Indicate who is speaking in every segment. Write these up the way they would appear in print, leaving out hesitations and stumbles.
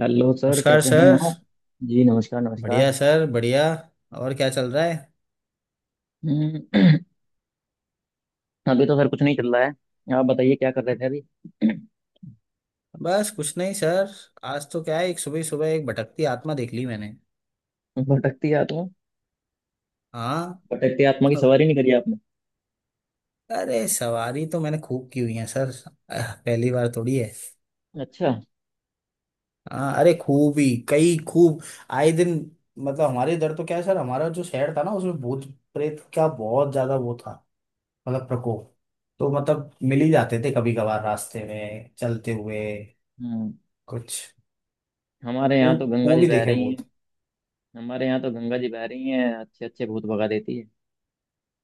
Speaker 1: Hello sir,
Speaker 2: नमस्कार
Speaker 1: कैसे हैं
Speaker 2: सर।
Speaker 1: आप? जी, नमस्कार
Speaker 2: बढ़िया
Speaker 1: नमस्कार।
Speaker 2: सर, बढ़िया। और क्या चल रहा है?
Speaker 1: हम्म। अभी तो सर कुछ नहीं चल रहा है, आप बताइए क्या कर रहे थे अभी।
Speaker 2: बस कुछ नहीं सर। आज तो क्या है, एक सुबह सुबह एक भटकती आत्मा देख ली मैंने।
Speaker 1: भटकती आत्मा?
Speaker 2: हाँ।
Speaker 1: भटकती आत्मा की सवारी नहीं करी आपने?
Speaker 2: अरे सवारी तो मैंने खूब की हुई है सर। पहली बार थोड़ी है।
Speaker 1: अच्छा।
Speaker 2: हाँ, अरे खूब ही, कई खूब। आए दिन। मतलब हमारे इधर तो क्या है सर, हमारा जो शहर था ना उसमें भूत प्रेत का बहुत ज्यादा वो था। मतलब प्रकोप। तो मतलब मिल ही जाते थे कभी कभार रास्ते में चलते हुए
Speaker 1: हम्म।
Speaker 2: कुछ।
Speaker 1: हमारे यहाँ तो
Speaker 2: खूब
Speaker 1: गंगा
Speaker 2: खूब
Speaker 1: जी
Speaker 2: ही
Speaker 1: बह
Speaker 2: देखे
Speaker 1: रही हैं।
Speaker 2: भूत।
Speaker 1: हमारे यहाँ तो गंगा जी बह रही हैं, अच्छे अच्छे भूत भगा देती है।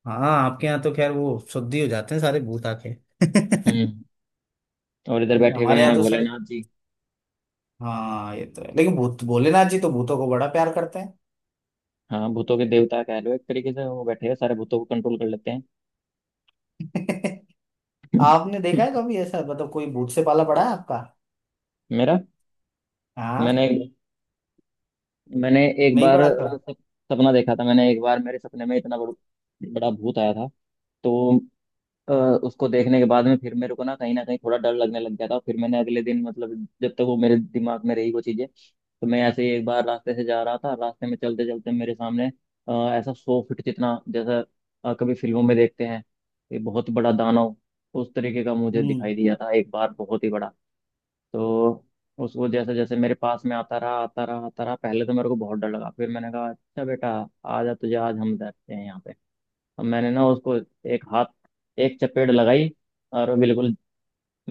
Speaker 2: हाँ, आपके यहाँ तो खैर वो शुद्धि हो जाते हैं सारे भूत आके।
Speaker 1: हम्म। और इधर बैठे हुए
Speaker 2: हमारे यहाँ
Speaker 1: हैं
Speaker 2: तो सर,
Speaker 1: भोलेनाथ जी।
Speaker 2: हाँ ये तो है, लेकिन भूत भोलेनाथ जी तो भूतों को बड़ा प्यार करते
Speaker 1: हाँ, भूतों के देवता कह लो एक तरीके से, वो बैठे हैं, सारे भूतों को कंट्रोल कर लेते
Speaker 2: हैं।
Speaker 1: हैं।
Speaker 2: आपने देखा है कभी ऐसा, मतलब कोई भूत से पाला पड़ा है आपका?
Speaker 1: मेरा।
Speaker 2: हाँ।
Speaker 1: मैंने मैंने एक
Speaker 2: नहीं
Speaker 1: बार
Speaker 2: पड़ा कभी?
Speaker 1: सपना देखा था। मैंने एक बार मेरे सपने में इतना बड़ा भूत आया था। तो अ, उसको देखने के बाद में फिर मेरे को ना कहीं थोड़ा डर लगने लग गया था। फिर मैंने अगले दिन, मतलब जब तक वो मेरे दिमाग में रही वो चीजें, तो मैं ऐसे ही एक बार रास्ते से जा रहा था। रास्ते में चलते चलते मेरे सामने अ, ऐसा 100 फीट जितना, जैसा कभी फिल्मों में देखते हैं ये बहुत बड़ा दानव, उस तरीके का मुझे
Speaker 2: हम्म।
Speaker 1: दिखाई दिया था एक बार, बहुत ही बड़ा। तो उसको, जैसे जैसे मेरे पास में आता रहा आता रहा आता रहा, पहले तो मेरे को बहुत डर लगा, फिर मैंने कहा अच्छा बेटा, आजा, तुझे आज हम बैठते हैं यहाँ पे। अब मैंने ना उसको एक हाथ, एक चपेट लगाई, और वो बिल्कुल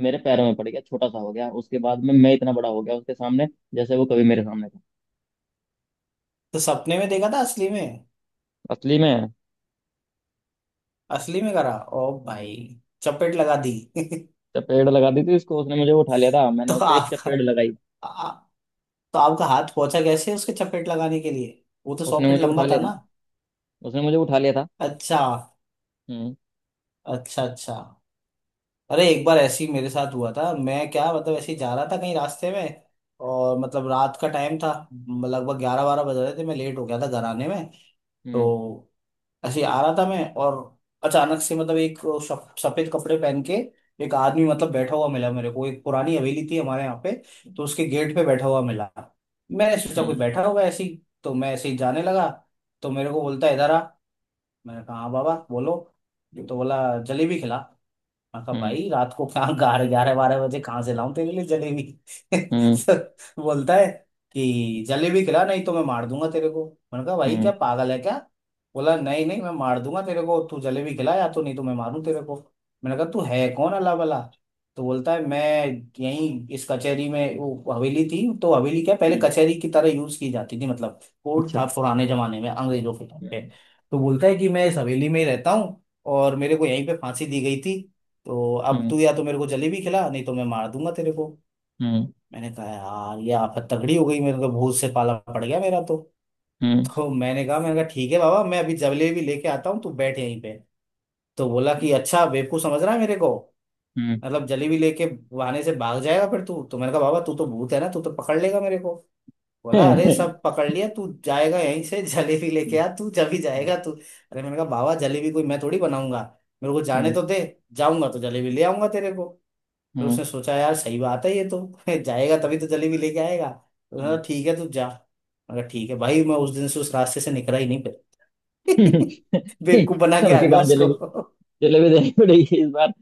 Speaker 1: मेरे पैरों में पड़ गया, छोटा सा हो गया, उसके बाद में मैं इतना बड़ा हो गया उसके सामने, जैसे वो कभी मेरे सामने था।
Speaker 2: तो सपने में देखा था? असली में?
Speaker 1: असली में।
Speaker 2: असली में करा ओ भाई, चपेट लगा दी।
Speaker 1: चपेट लगा दी थी उसको। उसने मुझे उठा लिया था, मैंने
Speaker 2: तो
Speaker 1: उसको एक
Speaker 2: आपका
Speaker 1: चपेट लगाई।
Speaker 2: आ, तो आपका हाथ पहुंचा कैसे उसके, चपेट लगाने के लिए वो तो सौ
Speaker 1: उसने
Speaker 2: फीट
Speaker 1: मुझे उठा
Speaker 2: लंबा
Speaker 1: लिया
Speaker 2: था
Speaker 1: था
Speaker 2: ना?
Speaker 1: ना। उसने मुझे उठा लिया था।
Speaker 2: अच्छा।
Speaker 1: हम्म।
Speaker 2: अच्छा अच्छा। अरे एक बार ऐसे ही मेरे साथ हुआ था। मैं क्या, मतलब ऐसे ही जा रहा था कहीं रास्ते में, और मतलब रात का टाइम था, लगभग ग्यारह बारह बज रहे थे, मैं लेट हो गया था घर आने में।
Speaker 1: हम्म।
Speaker 2: तो ऐसे ही आ रहा था मैं, और अचानक से मतलब एक सफेद कपड़े पहन के एक आदमी मतलब बैठा हुआ मिला मेरे को। एक पुरानी हवेली थी हमारे यहाँ पे, तो उसके गेट पे बैठा हुआ मिला। मैंने सोचा कोई
Speaker 1: हम्म।
Speaker 2: बैठा होगा ऐसे ही, तो मैं ऐसे ही जाने लगा। तो मेरे को बोलता है, इधर आ। मैंने कहा हाँ बाबा बोलो। ये तो बोला, जलेबी खिला। मैं कहा
Speaker 1: हम्म।
Speaker 2: भाई रात को कहाँ ग्यारह ग्यारह बारह बजे कहाँ से लाऊं तेरे लिए जलेबी।
Speaker 1: हम्म।
Speaker 2: तो बोलता है कि जलेबी खिला नहीं तो मैं मार दूंगा तेरे को। मैंने कहा भाई क्या
Speaker 1: हम्म।
Speaker 2: पागल है क्या। बोला नहीं नहीं, मैं मार दूंगा तेरे को, तू जलेबी खिला या तो नहीं तो मैं मारूं तेरे को। मैंने कहा तू है कौन अल्लाह भला। तो बोलता है मैं यहीं इस कचहरी में, वो हवेली थी, तो हवेली क्या पहले
Speaker 1: हम्म।
Speaker 2: कचहरी की तरह यूज की जाती थी, मतलब कोर्ट
Speaker 1: अच्छा।
Speaker 2: था पुराने जमाने में अंग्रेजों के टाइम पे।
Speaker 1: हम्म।
Speaker 2: तो बोलता है कि मैं इस हवेली में ही रहता हूँ, और मेरे को यहीं पे फांसी दी गई थी। तो अब
Speaker 1: हम्म।
Speaker 2: तू या तो मेरे को जलेबी खिला नहीं तो मैं मार दूंगा तेरे को।
Speaker 1: हम्म।
Speaker 2: मैंने कहा यार ये आफत तगड़ी हो गई, मेरे को भूत से पाला पड़ गया मेरा तो।
Speaker 1: हम्म।
Speaker 2: तो मैंने कहा ठीक है बाबा मैं अभी जलेबी लेके आता हूँ, तू बैठ यहीं पे। तो बोला कि अच्छा बेवकूफ समझ रहा है मेरे को,
Speaker 1: हम्म।
Speaker 2: मतलब जलेबी लेके बहाने से भाग जाएगा फिर तू। तो मैंने कहा बाबा तू तो भूत है ना, तू तो पकड़ लेगा मेरे को। बोला
Speaker 1: हम्म।
Speaker 2: अरे सब पकड़ लिया, तू जाएगा यहीं से। जलेबी लेके आ, तू जब ही जाएगा तू। अरे मैंने कहा बाबा जलेबी कोई मैं थोड़ी बनाऊंगा, मेरे को जाने
Speaker 1: हम्म।
Speaker 2: तो दे, जाऊंगा तो जलेबी ले आऊंगा तेरे को। फिर
Speaker 1: हम्म।
Speaker 2: उसने सोचा यार सही बात है ये तो, जाएगा तभी तो जलेबी लेके आएगा। तो उसने कहा
Speaker 1: हम्ब।
Speaker 2: ठीक है तू जा। मैं कहा ठीक है भाई। मैं उस दिन से उस रास्ते से निकला ही नहीं फिर। बेवकूफ बना के
Speaker 1: अब
Speaker 2: आ
Speaker 1: की
Speaker 2: गया
Speaker 1: बार जलेबी,
Speaker 2: उसको।
Speaker 1: जलेबी देनी पड़ेगी इस बार।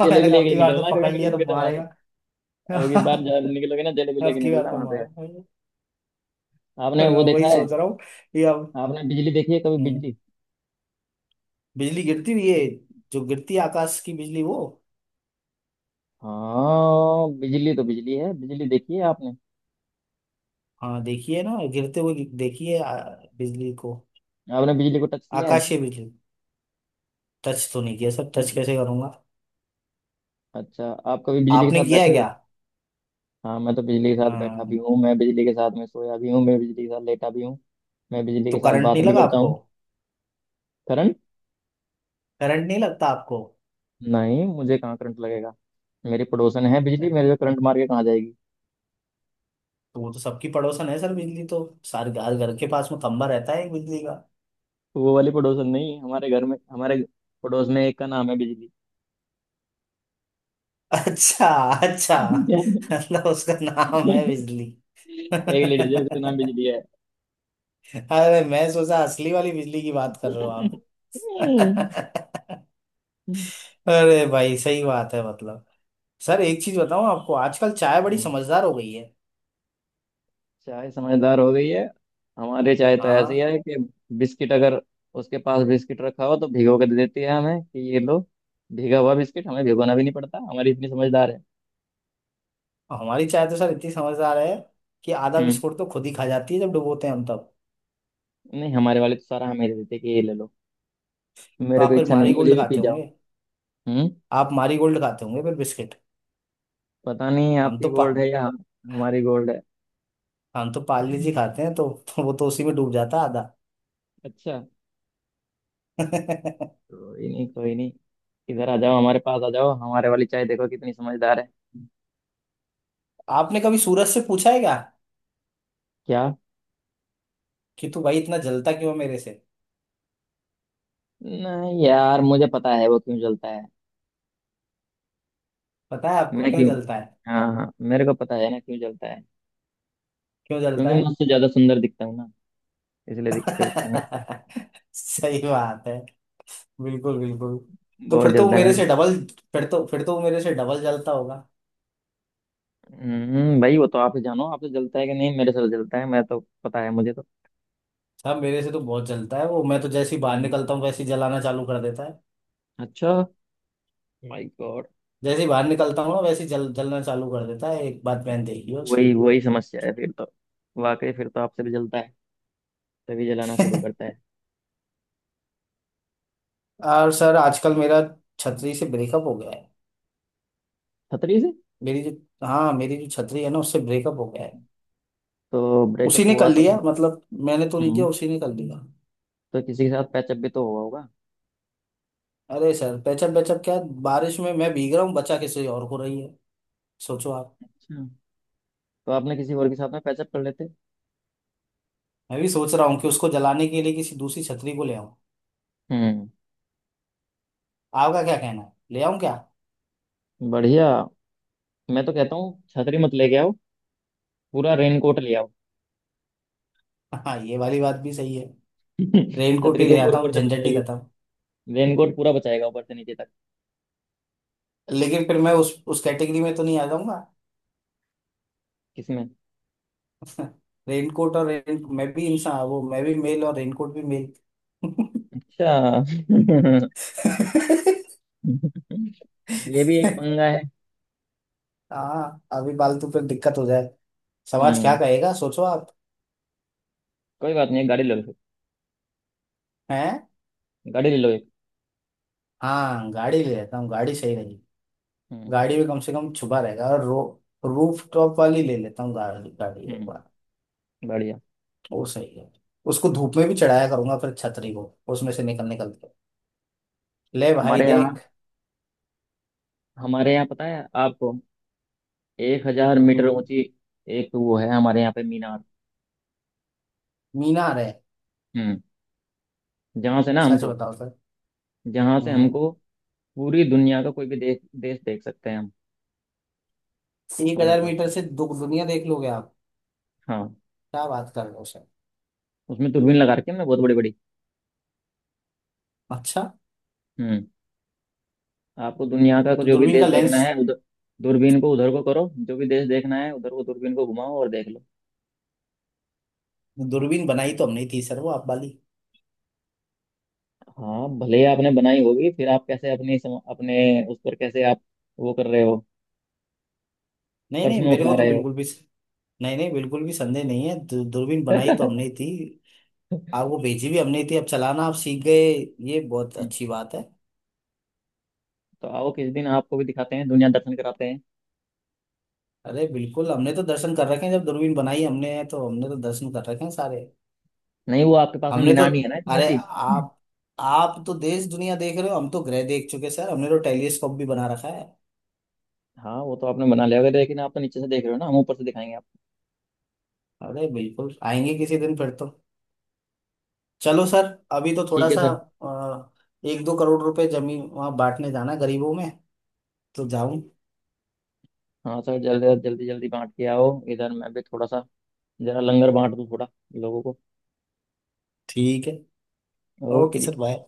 Speaker 2: और मैंने
Speaker 1: जलेबी
Speaker 2: कहा अब
Speaker 1: लेके
Speaker 2: की बार तो
Speaker 1: निकलना, कभी
Speaker 2: पकड़ लिया तो
Speaker 1: निकलोगे तो वहां से। अब की
Speaker 2: मारेगा।
Speaker 1: बार जब निकलोगे ना, जलेबी
Speaker 2: अब
Speaker 1: लेके
Speaker 2: की बार
Speaker 1: निकलना
Speaker 2: तो
Speaker 1: वहां पे।
Speaker 2: मार।
Speaker 1: आपने वो देखा
Speaker 2: वही
Speaker 1: है?
Speaker 2: सोच रहा हूँ कि अब।
Speaker 1: आपने बिजली देखी है? कभी
Speaker 2: हम्म,
Speaker 1: बिजली?
Speaker 2: बिजली गिरती हुई है? जो गिरती है आकाश की बिजली वो।
Speaker 1: हाँ, बिजली तो बिजली है, बिजली देखी है आपने?
Speaker 2: हाँ देखिए ना गिरते हुए देखिए बिजली को,
Speaker 1: आपने बिजली को टच किया है?
Speaker 2: आकाशीय बिजली। टच तो नहीं किया सर, टच कैसे करूंगा?
Speaker 1: अच्छा। आप कभी बिजली के
Speaker 2: आपने
Speaker 1: साथ
Speaker 2: किया
Speaker 1: बैठे
Speaker 2: है क्या?
Speaker 1: हो? हाँ, मैं तो बिजली के साथ बैठा भी
Speaker 2: हाँ।
Speaker 1: हूँ, मैं बिजली के साथ में सोया भी हूँ, मैं बिजली के साथ लेटा भी हूँ। मैं बिजली के
Speaker 2: तो
Speaker 1: साथ
Speaker 2: करंट
Speaker 1: बात
Speaker 2: नहीं
Speaker 1: भी
Speaker 2: लगा
Speaker 1: करता
Speaker 2: आपको?
Speaker 1: हूँ। करण।
Speaker 2: करंट नहीं लगता आपको?
Speaker 1: नहीं, मुझे कहाँ करंट लगेगा। मेरी पड़ोसन है बिजली, मेरे को करंट मार के कहाँ जाएगी।
Speaker 2: तो वो तो सबकी पड़ोसन है सर, बिजली तो सारे घर घर के पास में खंबा रहता है एक बिजली का।
Speaker 1: तो वो वाली पड़ोसन नहीं, हमारे घर में, हमारे पड़ोस में एक का नाम है बिजली।
Speaker 2: अच्छा। अच्छा। मतलब उसका नाम है बिजली।
Speaker 1: एक लेडीज है, उसका नाम
Speaker 2: अरे,
Speaker 1: बिजली है।
Speaker 2: मैं सोचा असली वाली बिजली की बात कर रहे हो आप।
Speaker 1: हम्म।
Speaker 2: अरे भाई सही बात है। मतलब सर एक चीज बताऊं आपको, आजकल चाय बड़ी समझदार हो गई है।
Speaker 1: चाय समझदार हो गई है? हमारे चाय तो ऐसी
Speaker 2: हाँ।
Speaker 1: है कि बिस्किट, अगर उसके पास बिस्किट रखा हो तो भिगो के दे देती है हमें कि ये लो भीगा हुआ बिस्किट, हमें भिगोना भी नहीं पड़ता, हमारी इतनी समझदार है।
Speaker 2: हमारी चाय तो सर इतनी समझदार है कि आधा
Speaker 1: हम्म।
Speaker 2: बिस्कुट तो खुद ही खा जाती है जब डुबोते हैं हम।
Speaker 1: नहीं, हमारे वाले तो सारा हमें दे देते हैं कि ये ले लो,
Speaker 2: तो
Speaker 1: मेरे को
Speaker 2: आप फिर
Speaker 1: इच्छा
Speaker 2: मारी
Speaker 1: नहीं, मुझे
Speaker 2: गोल्ड
Speaker 1: भी पी।
Speaker 2: खाते होंगे।
Speaker 1: हम्म।
Speaker 2: आप मारी गोल्ड खाते होंगे फिर बिस्किट।
Speaker 1: पता नहीं
Speaker 2: हम
Speaker 1: आपकी
Speaker 2: तो पा
Speaker 1: गोल्ड है या हमारी गोल्ड है।
Speaker 2: हम तो पार्ले जी खाते हैं, तो वो तो उसी में डूब जाता है आधा।
Speaker 1: अच्छा। कोई नहीं, कोई नहीं। इधर आ जाओ, हमारे पास आ जाओ, हमारे वाली चाय देखो कितनी समझदार है।
Speaker 2: आपने कभी सूरज से पूछा है क्या,
Speaker 1: क्या?
Speaker 2: कि तू भाई इतना जलता क्यों है मेरे से?
Speaker 1: नहीं यार, मुझे पता है वो क्यों जलता है।
Speaker 2: पता है आपको
Speaker 1: मैं
Speaker 2: क्यों
Speaker 1: क्यों?
Speaker 2: जलता है?
Speaker 1: हाँ हाँ, मेरे को पता है ना क्यों जलता है।
Speaker 2: क्यों जलता
Speaker 1: क्योंकि मैं
Speaker 2: है?
Speaker 1: उससे ज्यादा सुंदर दिखता हूँ ना, इसलिए जलता है मेरे से।
Speaker 2: सही बात है। बिल्कुल बिल्कुल। तो
Speaker 1: बहुत
Speaker 2: फिर तो वो
Speaker 1: जलता है
Speaker 2: मेरे
Speaker 1: मेरे
Speaker 2: से
Speaker 1: को।
Speaker 2: डबल, फिर तो वो मेरे से डबल जलता होगा।
Speaker 1: हम्म, भाई वो तो आप ही जानो आपसे जलता है कि नहीं, मेरे से तो जलता है, मैं तो पता है मुझे तो।
Speaker 2: साहब मेरे से तो बहुत जलता है वो, मैं तो जैसे ही बाहर
Speaker 1: हम्म।
Speaker 2: निकलता हूँ वैसे ही जलाना चालू कर देता है।
Speaker 1: अच्छा। My God.
Speaker 2: जैसे ही बाहर निकलता हूँ ना वैसे ही जल जलना चालू कर देता है, एक बात मैंने देखी है उसकी।
Speaker 1: वही वही समस्या है फिर तो। वाकई फिर तो आपसे भी जलता है, तभी जलाना शुरू करता है।
Speaker 2: और सर आजकल मेरा छतरी से ब्रेकअप हो गया है।
Speaker 1: खतरी से?
Speaker 2: मेरी जो, हाँ मेरी जो छतरी है ना उससे ब्रेकअप हो गया है।
Speaker 1: तो
Speaker 2: उसी
Speaker 1: ब्रेकअप
Speaker 2: ने कर
Speaker 1: हुआ तो
Speaker 2: लिया
Speaker 1: फिर?
Speaker 2: मतलब, मैंने तो नहीं
Speaker 1: हम्म।
Speaker 2: किया, उसी ने कर लिया।
Speaker 1: तो किसी के साथ पैचअप भी तो हुआ होगा।
Speaker 2: अरे सर पेचअप पेचअप क्या, बारिश में मैं भीग रहा हूँ, बचा किसी और को रही है। सोचो आप।
Speaker 1: अच्छा। तो आपने किसी और के साथ में पैचअप कर लेते।
Speaker 2: मैं भी सोच रहा हूँ कि उसको जलाने के लिए किसी दूसरी छतरी को ले आऊं।
Speaker 1: हम्म।
Speaker 2: आपका क्या कहना है, ले आऊं क्या?
Speaker 1: बढ़िया। मैं तो कहता हूँ छतरी मत लेके आओ, पूरा रेनकोट ले आओ।
Speaker 2: हाँ ये वाली बात भी सही है। रेनकोट
Speaker 1: छतरी
Speaker 2: ही
Speaker 1: तो
Speaker 2: ले
Speaker 1: ऊपर
Speaker 2: आता
Speaker 1: ऊपर
Speaker 2: हूँ,
Speaker 1: से
Speaker 2: झंझट ही
Speaker 1: बचाएगी।
Speaker 2: खत्म।
Speaker 1: रेनकोट पूरा बचाएगा ऊपर से नीचे तक।
Speaker 2: लेकिन फिर मैं उस कैटेगरी में तो नहीं आ जाऊंगा?
Speaker 1: किसमें?
Speaker 2: रेनकोट और रेन, मैं भी इंसान, वो मैं भी मेल और रेनकोट भी मेल।
Speaker 1: अच्छा। ये भी एक पंगा है।
Speaker 2: हाँ अभी फालतू पे दिक्कत हो जाए। समाज क्या
Speaker 1: हम्म।
Speaker 2: कहेगा, सोचो आप।
Speaker 1: कोई बात नहीं, एक गाड़ी ले लो फिर।
Speaker 2: हैं?
Speaker 1: गाड़ी ले लो एक।
Speaker 2: हाँ गाड़ी ले लेता हूँ, गाड़ी सही रहेगी।
Speaker 1: हम्म।
Speaker 2: गाड़ी में कम से कम छुपा रहेगा। और रो, रूफ टॉप वाली ले लेता हूँ गाड़ी, एक
Speaker 1: हम्म।
Speaker 2: बार।
Speaker 1: बढ़िया।
Speaker 2: वो सही है। उसको धूप में भी चढ़ाया करूंगा फिर छतरी को, उसमें
Speaker 1: हम्म।
Speaker 2: से निकल निकल के। ले भाई
Speaker 1: हमारे यहाँ,
Speaker 2: देख।
Speaker 1: हमारे यहाँ पता है आपको, 1000 मीटर
Speaker 2: हम्म,
Speaker 1: ऊंची एक वो है हमारे यहाँ पे मीनार।
Speaker 2: मीनार है?
Speaker 1: हम्म। जहाँ से ना
Speaker 2: सच
Speaker 1: हमको,
Speaker 2: बताओ सर।
Speaker 1: जहाँ से
Speaker 2: हम्म।
Speaker 1: हमको पूरी दुनिया का कोई भी देश देश देख सकते हैं हम
Speaker 2: एक
Speaker 1: अपने
Speaker 2: हजार
Speaker 1: पास
Speaker 2: मीटर
Speaker 1: से।
Speaker 2: से दुनिया देख लोगे आप?
Speaker 1: हाँ।
Speaker 2: क्या बात कर रहे हो सर।
Speaker 1: उसमें दूरबीन लगा रखी है हमने, बहुत बड़ी बड़ी।
Speaker 2: अच्छा।
Speaker 1: हम्म। आपको दुनिया का को
Speaker 2: तो
Speaker 1: जो भी
Speaker 2: दूरबीन का
Speaker 1: देश देखना
Speaker 2: लेंस,
Speaker 1: है उधर दूरबीन को, उधर को करो, जो भी देश देखना है उधर को दूरबीन को घुमाओ और देख लो।
Speaker 2: दूरबीन बनाई तो हमने ही थी सर वो, आप वाली।
Speaker 1: हाँ, भले ही आपने बनाई होगी, फिर आप कैसे अपने उस पर कैसे आप वो कर रहे हो,
Speaker 2: नहीं नहीं
Speaker 1: प्रश्न
Speaker 2: मेरे
Speaker 1: उठा
Speaker 2: को तो
Speaker 1: रहे हो।
Speaker 2: बिल्कुल भी, नहीं नहीं बिल्कुल भी संदेह नहीं है। दूरबीन बनाई तो हमने ही थी, आप वो भेजी भी हमने ही थी, अब चलाना आप सीख गए, ये बहुत अच्छी बात है।
Speaker 1: तो आओ किस दिन, आपको भी दिखाते हैं, दुनिया दर्शन कराते हैं।
Speaker 2: अरे बिल्कुल, हमने तो दर्शन कर रखे हैं, जब दूरबीन बनाई हमने है तो हमने तो दर्शन कर रखे हैं सारे।
Speaker 1: नहीं, वो आपके पास में
Speaker 2: हमने तो,
Speaker 1: मीनार नहीं है ना इतनी
Speaker 2: अरे
Speaker 1: ऊंची।
Speaker 2: आप तो देश दुनिया देख रहे हो, हम तो ग्रह देख चुके सर, हमने तो टेलीस्कोप भी बना रखा है।
Speaker 1: हाँ, वो तो आपने बना लिया होगा, लेकिन आप तो नीचे से देख रहे हो ना, हम ऊपर से दिखाएंगे आप।
Speaker 2: अरे बिल्कुल आएंगे किसी दिन फिर तो। चलो सर, अभी तो थोड़ा
Speaker 1: ठीक है
Speaker 2: सा
Speaker 1: सर।
Speaker 2: एक दो करोड़ रुपए जमीन वहाँ बांटने जाना गरीबों में, तो जाऊं?
Speaker 1: हाँ सर, जल्दी जल्दी जल्दी बांट के आओ, इधर मैं भी थोड़ा सा जरा लंगर बांट दूँ थोड़ा लोगों को।
Speaker 2: ठीक है।
Speaker 1: ओके
Speaker 2: ओके
Speaker 1: जी।
Speaker 2: Sir bye.